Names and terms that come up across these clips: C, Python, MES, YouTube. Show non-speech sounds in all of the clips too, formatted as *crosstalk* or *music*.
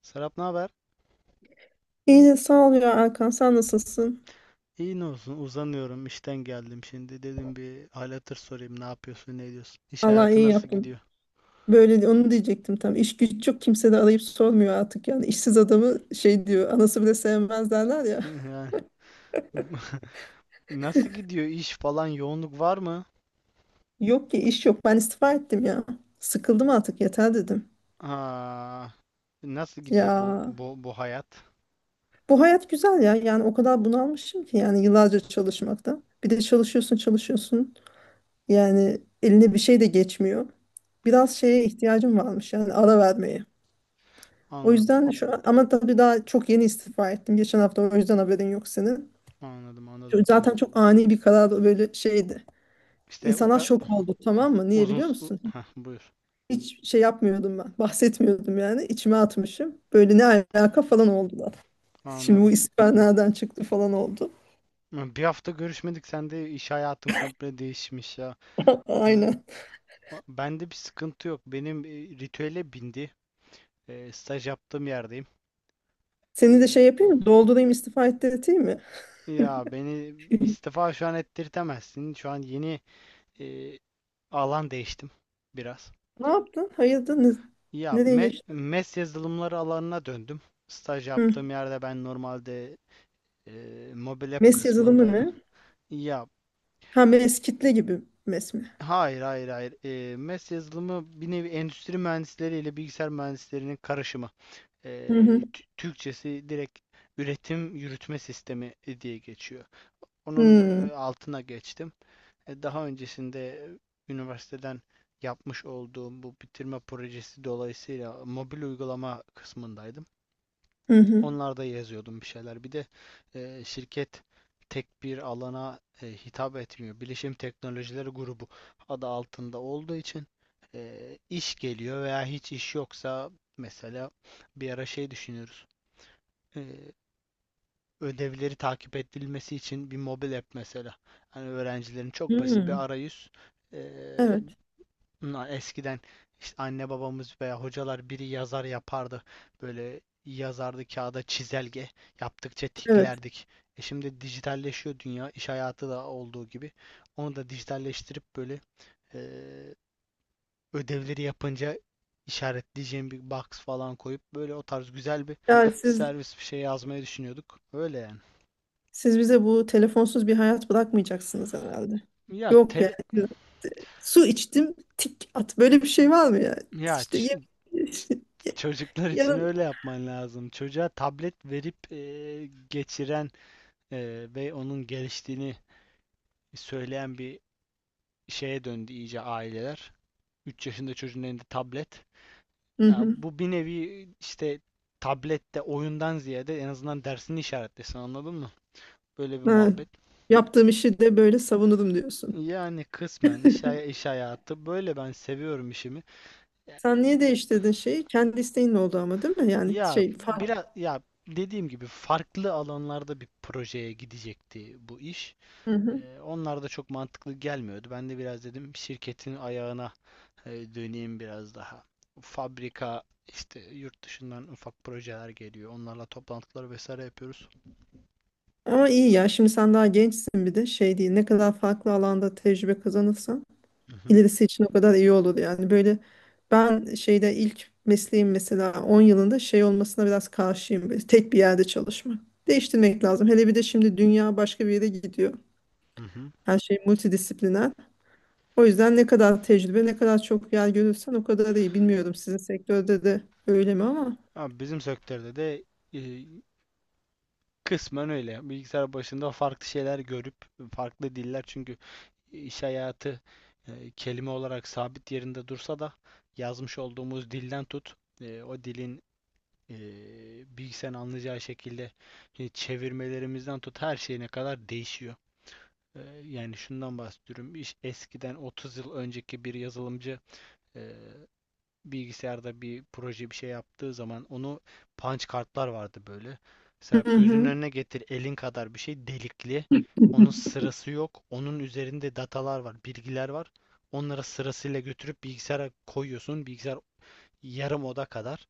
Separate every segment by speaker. Speaker 1: Serap, ne haber?
Speaker 2: İyi sağ ol ya Erkan, sen nasılsın?
Speaker 1: İyi, ne olsun, uzanıyorum, işten geldim şimdi, dedim bir hal hatır sorayım, ne yapıyorsun, ne ediyorsun, iş
Speaker 2: Allah
Speaker 1: hayatı
Speaker 2: iyi
Speaker 1: nasıl
Speaker 2: yaptın.
Speaker 1: gidiyor?
Speaker 2: Böyle onu diyecektim tam. İş güç yok, kimse de arayıp sormuyor artık yani. İşsiz adamı şey diyor, anası bile sevmez derler
Speaker 1: *laughs*
Speaker 2: ya.
Speaker 1: Yani. *laughs* Nasıl gidiyor iş falan, yoğunluk var mı?
Speaker 2: *laughs* Yok ki, iş yok, ben istifa ettim ya. Sıkıldım artık, yeter dedim.
Speaker 1: Aa, nasıl
Speaker 2: Ya
Speaker 1: gidiyor bu hayat?
Speaker 2: bu hayat güzel ya, yani o kadar bunalmışım ki yani yıllarca çalışmakta. Bir de çalışıyorsun çalışıyorsun, yani eline bir şey de geçmiyor. Biraz şeye ihtiyacım varmış yani, ara vermeye. O
Speaker 1: Anladım,
Speaker 2: yüzden şu an, ama tabii daha çok yeni istifa ettim. Geçen hafta, o yüzden haberin yok senin.
Speaker 1: anladım, anladım.
Speaker 2: Çünkü zaten çok ani bir karar, böyle şeydi.
Speaker 1: İşte o
Speaker 2: İnsanlar
Speaker 1: kadar
Speaker 2: şok oldu, tamam mı? Niye
Speaker 1: uzun
Speaker 2: biliyor musun?
Speaker 1: heh, buyur.
Speaker 2: Hiç şey yapmıyordum ben. Bahsetmiyordum yani. İçime atmışım. Böyle ne alaka falan oldular. Şimdi bu
Speaker 1: Anladım,
Speaker 2: istifa nereden çıktı falan oldu.
Speaker 1: bir hafta görüşmedik, sen de iş hayatın komple değişmiş ya.
Speaker 2: *laughs*
Speaker 1: Hı,
Speaker 2: Aynen.
Speaker 1: bende bir sıkıntı yok, benim ritüele bindi. Staj yaptığım yerdeyim.
Speaker 2: Seni de şey
Speaker 1: ee,
Speaker 2: yapayım mı? Doldurayım, istifa ettirteyim mi?
Speaker 1: Ya beni
Speaker 2: *laughs*
Speaker 1: istifa şu an ettirtemezsin. Şu an yeni e, alan değiştim biraz.
Speaker 2: Ne yaptın? Hayırdır?
Speaker 1: Ya
Speaker 2: Nereye
Speaker 1: me-
Speaker 2: geçtin?
Speaker 1: MES yazılımları alanına döndüm. Staj
Speaker 2: Hı.
Speaker 1: yaptığım yerde ben normalde e, mobil app
Speaker 2: MES yazılımı
Speaker 1: kısmındaydım.
Speaker 2: ne?
Speaker 1: Ya,
Speaker 2: Ha, MES kitle gibi MES mi?
Speaker 1: hayır hayır hayır. MES yazılımı bir nevi endüstri mühendisleri ile bilgisayar mühendislerinin karışımı. E,
Speaker 2: Hı hı.
Speaker 1: Türkçesi direkt üretim yürütme sistemi diye geçiyor. Onun
Speaker 2: Hı.
Speaker 1: altına geçtim. Daha öncesinde üniversiteden yapmış olduğum bu bitirme projesi dolayısıyla mobil uygulama kısmındaydım.
Speaker 2: Hı hı.
Speaker 1: Onlarda yazıyordum bir şeyler. Bir de şirket tek bir alana hitap etmiyor. Bilişim Teknolojileri Grubu adı altında olduğu için e, iş geliyor veya hiç iş yoksa mesela bir ara şey düşünüyoruz. E, Ödevleri takip edilmesi için bir mobil app mesela. Yani öğrencilerin çok basit bir
Speaker 2: Hmm.
Speaker 1: arayüz. e,
Speaker 2: Evet.
Speaker 1: Eskiden işte anne babamız veya hocalar biri yazar yapardı. Böyle yazardı kağıda çizelge. Yaptıkça
Speaker 2: Evet.
Speaker 1: tiklerdik. E şimdi dijitalleşiyor dünya, iş hayatı da olduğu gibi. Onu da dijitalleştirip böyle eee, ödevleri yapınca işaretleyeceğim bir box falan koyup böyle o tarz güzel bir
Speaker 2: Yani siz
Speaker 1: servis bir şey yazmayı düşünüyorduk. Öyle yani.
Speaker 2: siz bize bu telefonsuz bir hayat bırakmayacaksınız herhalde.
Speaker 1: Ya
Speaker 2: Yok
Speaker 1: tel
Speaker 2: yani. Su içtim, tik at. Böyle bir şey var mı ya?
Speaker 1: ya
Speaker 2: İşte ye
Speaker 1: ç- ç-
Speaker 2: *laughs*
Speaker 1: çocuklar
Speaker 2: ya da.
Speaker 1: için öyle yapman lazım. Çocuğa tablet verip geçiren ve onun geliştiğini söyleyen bir şeye döndü iyice aileler. Üç yaşında çocuğun elinde tablet.
Speaker 2: Hı
Speaker 1: Ya
Speaker 2: hı.
Speaker 1: bu bir nevi işte tablette oyundan ziyade en azından dersini işaretlesin, anladın mı? Böyle bir
Speaker 2: Ha,
Speaker 1: muhabbet.
Speaker 2: yaptığım işi de böyle savunurum diyorsun.
Speaker 1: Yani kısmen iş, iş hayatı böyle, ben seviyorum işimi.
Speaker 2: Sen niye değiştirdin şeyi? Kendi isteğin oldu ama, değil mi? Yani
Speaker 1: Ya
Speaker 2: şey fark.
Speaker 1: biraz, ya dediğim gibi farklı alanlarda bir projeye gidecekti bu iş.
Speaker 2: Hı hı.
Speaker 1: Onlar da çok mantıklı gelmiyordu. Ben de biraz dedim şirketin ayağına döneyim biraz daha. Fabrika işte yurt dışından ufak projeler geliyor. Onlarla toplantılar vesaire yapıyoruz.
Speaker 2: Ama iyi ya. Şimdi sen daha gençsin, bir de şey değil. Ne kadar farklı alanda tecrübe kazanırsan,
Speaker 1: Hı hı,
Speaker 2: ilerisi için o kadar iyi olur yani. Böyle ben şeyde, ilk mesleğim mesela, 10 yılında şey olmasına biraz karşıyım. Böyle tek bir yerde çalışmak. Değiştirmek lazım. Hele bir de şimdi dünya başka bir yere gidiyor.
Speaker 1: hı hı.
Speaker 2: Her şey multidisipliner. O yüzden ne kadar tecrübe, ne kadar çok yer görürsen o kadar iyi. Bilmiyorum sizin sektörde de öyle mi ama.
Speaker 1: Ama bizim sektörde de e, kısmen öyle. Bilgisayar başında farklı şeyler görüp farklı diller, çünkü iş hayatı kelime olarak sabit yerinde dursa da yazmış olduğumuz dilden tut, o dilin, e, bilgisayarın anlayacağı şekilde, çevirmelerimizden tut her şeyine kadar değişiyor. Yani şundan bahsediyorum. Eskiden 30 yıl önceki bir yazılımcı e, bilgisayarda bir proje bir şey yaptığı zaman onu, punch kartlar vardı böyle.
Speaker 2: Hı
Speaker 1: Serap, gözünün
Speaker 2: hı.
Speaker 1: önüne getir, elin kadar bir şey delikli. Onun
Speaker 2: *laughs*
Speaker 1: sırası yok. Onun üzerinde datalar var, bilgiler var. Onlara sırasıyla götürüp bilgisayara koyuyorsun. Bilgisayar yarım oda kadar.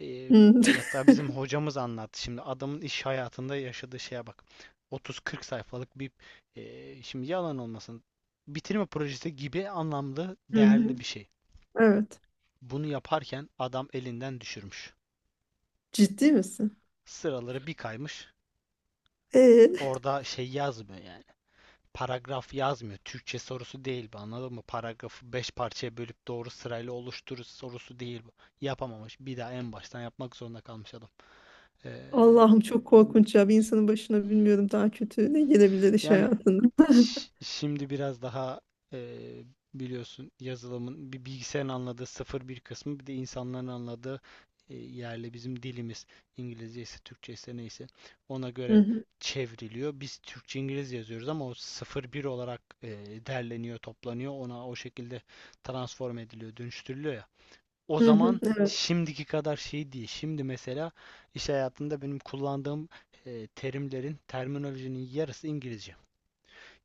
Speaker 1: Ee, Hatta bizim hocamız anlattı. Şimdi adamın iş hayatında yaşadığı şeye bak. 30-40 sayfalık bir, şimdi yalan olmasın, bitirme projesi gibi anlamlı
Speaker 2: Hı hı.
Speaker 1: değerli bir şey.
Speaker 2: Evet.
Speaker 1: Bunu yaparken adam elinden düşürmüş.
Speaker 2: Ciddi misin?
Speaker 1: Sıraları bir kaymış.
Speaker 2: Ee,
Speaker 1: Orada şey yazmıyor yani. Paragraf yazmıyor. Türkçe sorusu değil bu, anladın mı? Paragrafı 5 parçaya bölüp doğru sırayla oluşturur sorusu değil bu. Yapamamış. Bir daha en baştan yapmak zorunda kalmış adam. Ee,
Speaker 2: Allah'ım çok korkunç ya. Bir insanın başına bilmiyorum daha kötü ne gelebilir iş
Speaker 1: Yani,
Speaker 2: hayatında. *laughs*
Speaker 1: şimdi biraz daha, e, biliyorsun, yazılımın bir, bilgisayarın anladığı sıfır bir kısmı, bir de insanların anladığı, yerle bizim dilimiz İngilizce ise Türkçe ise neyse ona
Speaker 2: Hı
Speaker 1: göre
Speaker 2: hı,
Speaker 1: çevriliyor. Biz Türkçe İngilizce yazıyoruz ama o sıfır bir olarak derleniyor, toplanıyor. Ona o şekilde transform ediliyor, dönüştürülüyor ya. O
Speaker 2: hı hı,
Speaker 1: zaman
Speaker 2: evet,
Speaker 1: şimdiki kadar şey değil. Şimdi mesela iş hayatında benim kullandığım terimlerin, terminolojinin yarısı İngilizce.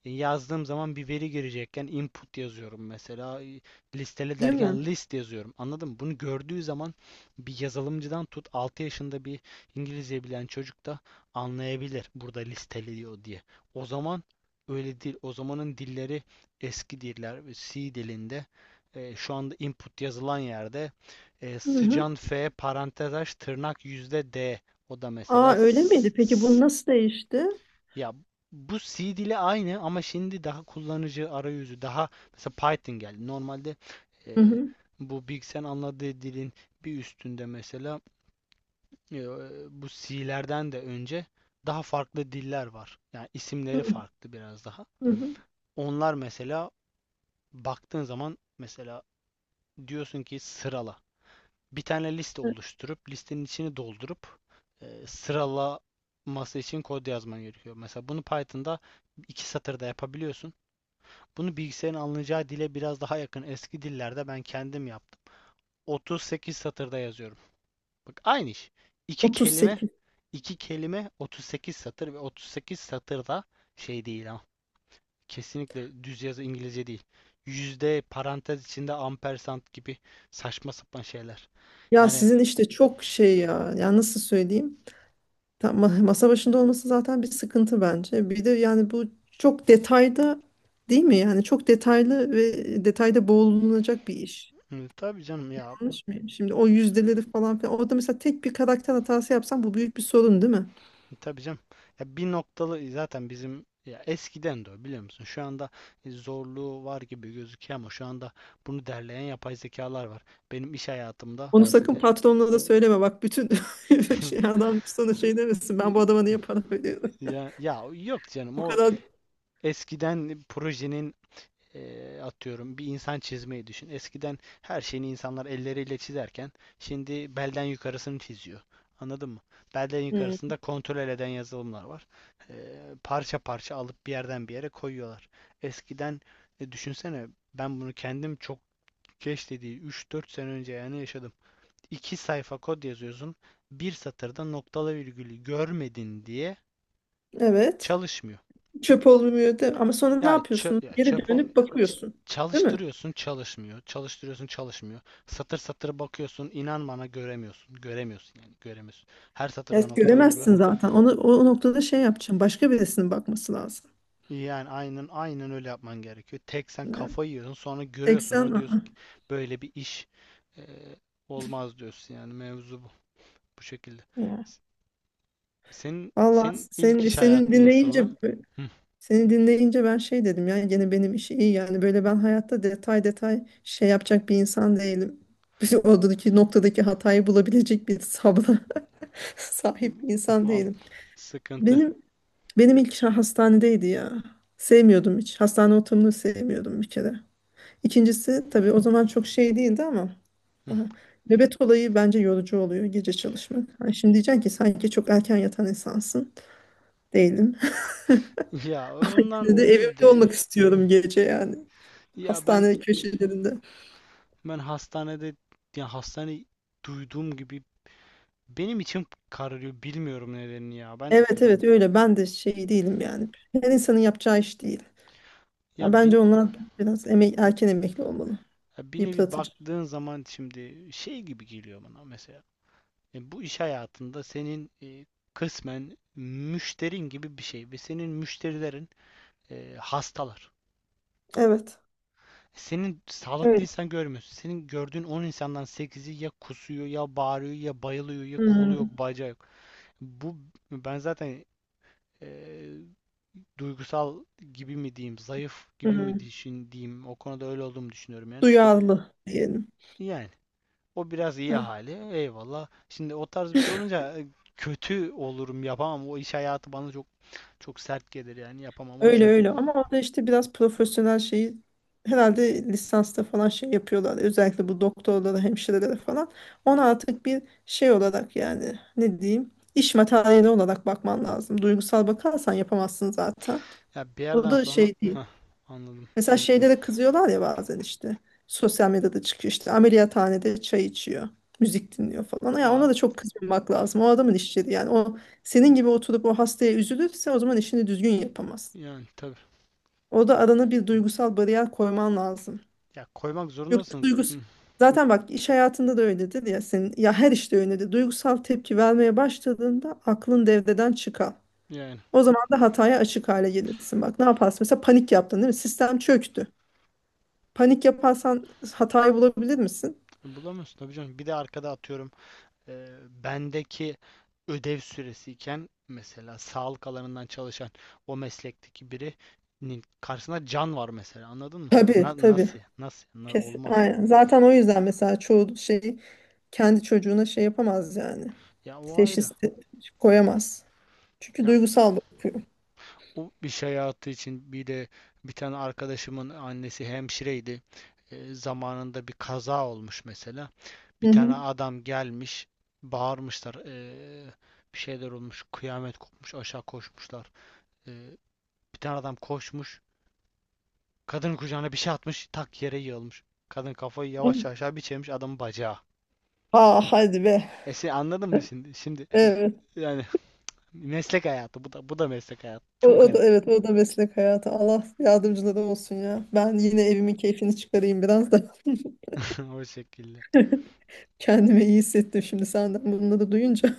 Speaker 1: Yazdığım zaman bir veri girecekken input yazıyorum mesela. Listele
Speaker 2: değil mi?
Speaker 1: derken list yazıyorum. Anladın mı? Bunu gördüğü zaman bir yazılımcıdan tut 6 yaşında bir İngilizce bilen çocuk da anlayabilir burada listeliyor diye. O zaman öyle değil. O zamanın dilleri eski diller. C dilinde şu anda input yazılan yerde
Speaker 2: Hı hı.
Speaker 1: sıcan F parantez aç tırnak yüzde D, o da
Speaker 2: Aa,
Speaker 1: mesela
Speaker 2: öyle miydi? Peki bu nasıl değişti?
Speaker 1: ya bu C dili aynı, ama şimdi daha kullanıcı arayüzü, daha mesela Python geldi. Normalde
Speaker 2: Hı
Speaker 1: e,
Speaker 2: hı,
Speaker 1: bu bilgisayarın anladığı dilin bir üstünde mesela, e, bu C'lerden de önce daha farklı diller var. Yani
Speaker 2: hı
Speaker 1: isimleri
Speaker 2: hı,
Speaker 1: farklı biraz daha.
Speaker 2: hı hı.
Speaker 1: Onlar mesela baktığın zaman mesela diyorsun ki sırala. Bir tane liste
Speaker 2: Evet,
Speaker 1: oluşturup listenin içini doldurup sıralaması için kod yazman gerekiyor. Mesela bunu Python'da iki satırda yapabiliyorsun. Bunu bilgisayarın anlayacağı dile biraz daha yakın eski dillerde ben kendim yaptım. 38 satırda yazıyorum. Bak, aynı iş. İki kelime,
Speaker 2: 38.
Speaker 1: iki kelime 38 satır, ve 38 satırda şey değil ama. Kesinlikle düz yazı İngilizce değil. Yüzde, parantez içinde ampersand gibi saçma sapan şeyler.
Speaker 2: Ya
Speaker 1: Yani
Speaker 2: sizin işte çok şey ya. Ya nasıl söyleyeyim? Tam, masa başında olması zaten bir sıkıntı bence. Bir de yani bu çok detayda, değil mi? Yani çok detaylı ve detayda boğulunacak bir iş.
Speaker 1: tabii canım ya.
Speaker 2: Yanlış mıyım? Şimdi o yüzdeleri falan filan. Orada mesela tek bir karakter hatası yapsan bu büyük bir sorun, değil mi?
Speaker 1: Tabii canım. Ya bir noktalı zaten bizim, ya eskiden de o, biliyor musun? Şu anda zorluğu var gibi gözüküyor, ama şu anda bunu derleyen yapay zekalar var. Benim iş hayatımda
Speaker 2: Onu, yani sakın
Speaker 1: e,
Speaker 2: patronuna da söyleme. Bak bütün *laughs* şey,
Speaker 1: *laughs*
Speaker 2: adam sana şey demesin. Ben bu adama niye para veriyorum?
Speaker 1: ya yok canım,
Speaker 2: Bu
Speaker 1: o
Speaker 2: kadar.
Speaker 1: eskiden projenin, atıyorum bir insan çizmeyi düşün. Eskiden her şeyini insanlar elleriyle çizerken şimdi belden yukarısını çiziyor. Anladın mı? Belden
Speaker 2: Hmm,
Speaker 1: yukarısında kontrol eden yazılımlar var. Parça parça alıp bir yerden bir yere koyuyorlar. Eskiden, düşünsene, ben bunu kendim çok geç dediği 3-4 sene önce yani yaşadım. 2 sayfa kod yazıyorsun. Bir satırda noktalı virgülü görmedin diye
Speaker 2: evet.
Speaker 1: çalışmıyor.
Speaker 2: Çöp olmuyor de. Ama sonra ne
Speaker 1: Ya çöp,
Speaker 2: yapıyorsun?
Speaker 1: ya
Speaker 2: Geri
Speaker 1: çöp
Speaker 2: dönüp
Speaker 1: olmuyor.
Speaker 2: bakıyorsun. Değil mi?
Speaker 1: Çalıştırıyorsun çalışmıyor. Çalıştırıyorsun çalışmıyor. Satır satır bakıyorsun. İnan bana, göremiyorsun. Göremiyorsun, yani göremiyorsun. Her satırda
Speaker 2: Evet,
Speaker 1: nokta virgül.
Speaker 2: göremezsin zaten. Onu o noktada şey yapacaksın. Başka birisinin bakması lazım.
Speaker 1: Yani aynen aynen öyle yapman gerekiyor. Tek sen
Speaker 2: Yani
Speaker 1: kafayı yiyorsun, sonra
Speaker 2: tek
Speaker 1: görüyorsun
Speaker 2: sen,
Speaker 1: onu, diyorsun
Speaker 2: aa.
Speaker 1: ki böyle bir iş e, olmaz, diyorsun yani, mevzu bu. Bu şekilde.
Speaker 2: Ya.
Speaker 1: S- Senin,
Speaker 2: Vallahi
Speaker 1: senin ilk
Speaker 2: senin
Speaker 1: iş
Speaker 2: senin
Speaker 1: hayatın
Speaker 2: dinleyince,
Speaker 1: nasıldı? Hı.
Speaker 2: seni dinleyince ben şey dedim ya, gene benim işi iyi, yani böyle ben hayatta detay detay şey yapacak bir insan değilim. *laughs* Oradaki noktadaki hatayı bulabilecek bir sabra *laughs* sahip bir insan
Speaker 1: Vallahi
Speaker 2: değilim.
Speaker 1: sıkıntı.
Speaker 2: Benim benim ilk işim hastanedeydi ya. Sevmiyordum hiç. Hastane ortamını sevmiyordum bir kere. İkincisi, tabii o zaman çok şey değildi ama daha,
Speaker 1: *laughs*
Speaker 2: nöbet olayı bence yorucu oluyor, gece çalışmak. Ha, şimdi diyeceksin ki sanki çok erken yatan insansın. Değilim.
Speaker 1: Ya
Speaker 2: *laughs* Yine
Speaker 1: ondan
Speaker 2: de
Speaker 1: değil
Speaker 2: evimde
Speaker 1: de,
Speaker 2: olmak istiyorum gece yani.
Speaker 1: ya ben
Speaker 2: Hastane köşelerinde.
Speaker 1: ben hastanede, yani hastane duyduğum gibi benim içim kararıyor. Bilmiyorum nedenini ya. Ben,
Speaker 2: Evet, evet, öyle. Ben de şey değilim yani. Her insanın yapacağı iş değil.
Speaker 1: ya
Speaker 2: Ya bence
Speaker 1: bin
Speaker 2: onlar biraz erken emekli olmalı.
Speaker 1: ya bir nevi
Speaker 2: Yıpratıcı.
Speaker 1: baktığın zaman şimdi şey gibi geliyor bana mesela. Bu iş hayatında senin, kısmen müşterin gibi bir şey ve senin müşterilerin hastalar.
Speaker 2: Evet.
Speaker 1: Senin sağlıklı
Speaker 2: Öyle.
Speaker 1: insan görmüyorsun. Senin gördüğün 10 insandan sekizi ya kusuyor, ya bağırıyor, ya bayılıyor, ya kolu
Speaker 2: Hmm,
Speaker 1: yok bacağı yok. Bu, ben zaten e, duygusal gibi mi diyeyim, zayıf gibi mi
Speaker 2: hmm.
Speaker 1: düşün diyeyim, o konuda öyle olduğumu düşünüyorum yani.
Speaker 2: Duyarlı diyelim.
Speaker 1: Yani o biraz iyi
Speaker 2: Heh.
Speaker 1: hali. Eyvallah. Şimdi o tarz bir şey olunca kötü olurum, yapamam. O iş hayatı bana çok çok sert gelir yani, yapamam. O
Speaker 2: Öyle,
Speaker 1: yüzden
Speaker 2: öyle. Ama orada işte biraz profesyonel şeyi, herhalde lisansta falan şey yapıyorlar. Özellikle bu doktorlara, hemşirelere falan. Ona artık bir şey olarak, yani ne diyeyim? İş materyali olarak bakman lazım. Duygusal bakarsan yapamazsın zaten.
Speaker 1: ya bir
Speaker 2: O
Speaker 1: yerden
Speaker 2: da
Speaker 1: sonra,
Speaker 2: şey değil.
Speaker 1: heh, anladım.
Speaker 2: Mesela şeyde de kızıyorlar ya bazen, işte sosyal medyada çıkıyor, işte ameliyathanede çay içiyor. Müzik dinliyor falan. Ya
Speaker 1: Ya
Speaker 2: ona da çok kızmamak lazım. O adamın işçiliği yani. O senin gibi oturup o hastaya üzülürse o zaman işini düzgün yapamaz.
Speaker 1: yani tabii.
Speaker 2: Orada arana bir duygusal bariyer koyman lazım.
Speaker 1: Ya koymak
Speaker 2: Yoksa
Speaker 1: zorundasın. Hı.
Speaker 2: zaten bak, iş hayatında da öyledir ya senin, ya her işte öyledir. Duygusal tepki vermeye başladığında aklın devreden çıkar.
Speaker 1: Yani
Speaker 2: O zaman da hataya açık hale gelirsin. Bak, ne yaparsın? Mesela panik yaptın, değil mi? Sistem çöktü. Panik yaparsan hatayı bulabilir misin?
Speaker 1: bulamıyorsun tabii canım. Bir de arkada atıyorum, e, bendeki ödev süresiyken mesela, sağlık alanından çalışan o meslekteki birinin karşısında can var mesela, anladın mı?
Speaker 2: Tabii,
Speaker 1: Na-
Speaker 2: tabii.
Speaker 1: nasıl? Nasıl? Na-
Speaker 2: Kesin.
Speaker 1: olmaz.
Speaker 2: Aynen. Zaten o yüzden mesela çoğu şey, kendi çocuğuna şey yapamaz yani.
Speaker 1: Ya o ayrı.
Speaker 2: Teşhis koyamaz. Çünkü
Speaker 1: Ya
Speaker 2: duygusal bakıyor.
Speaker 1: o iş hayatı için bir de bir tane arkadaşımın annesi hemşireydi. Zamanında bir kaza olmuş mesela. Bir
Speaker 2: Hı
Speaker 1: tane
Speaker 2: hı.
Speaker 1: adam gelmiş, bağırmışlar, bir şeyler olmuş, kıyamet kopmuş, aşağı koşmuşlar. E, Bir tane adam koşmuş, kadının kucağına bir şey atmış, tak yere yığılmış. Kadın kafayı yavaşça aşağı bir çevirmiş, adamın bacağı.
Speaker 2: Aa, hadi be.
Speaker 1: E sen anladın mı şimdi? Şimdi
Speaker 2: Evet.
Speaker 1: yani meslek hayatı, bu da bu da meslek hayatı.
Speaker 2: O,
Speaker 1: Çok
Speaker 2: o
Speaker 1: garip.
Speaker 2: da evet, o da meslek hayatı. Allah yardımcıları olsun ya. Ben yine evimin keyfini çıkarayım biraz da.
Speaker 1: *laughs* O şekilde.
Speaker 2: *laughs* Kendimi iyi hissettim şimdi senden bunları duyunca.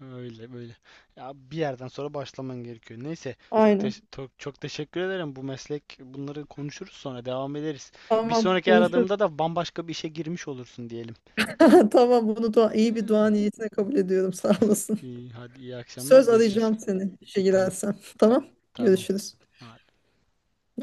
Speaker 1: Öyle böyle. Ya bir yerden sonra başlaman gerekiyor. Neyse
Speaker 2: Aynen.
Speaker 1: çok teşekkür ederim. Bu meslek, bunları konuşuruz sonra, devam ederiz. Bir
Speaker 2: Tamam,
Speaker 1: sonraki
Speaker 2: konuşuruz.
Speaker 1: aradığımda da bambaşka bir işe girmiş olursun diyelim.
Speaker 2: *laughs* Tamam, bunu dua, iyi bir dua
Speaker 1: *laughs*
Speaker 2: niyetine kabul ediyorum. Sağ olasın.
Speaker 1: İyi, hadi, iyi akşamlar,
Speaker 2: Söz,
Speaker 1: görüşürüz.
Speaker 2: arayacağım seni işe
Speaker 1: Tamam,
Speaker 2: girersem. Tamam.
Speaker 1: tamam.
Speaker 2: Görüşürüz.
Speaker 1: Hadi.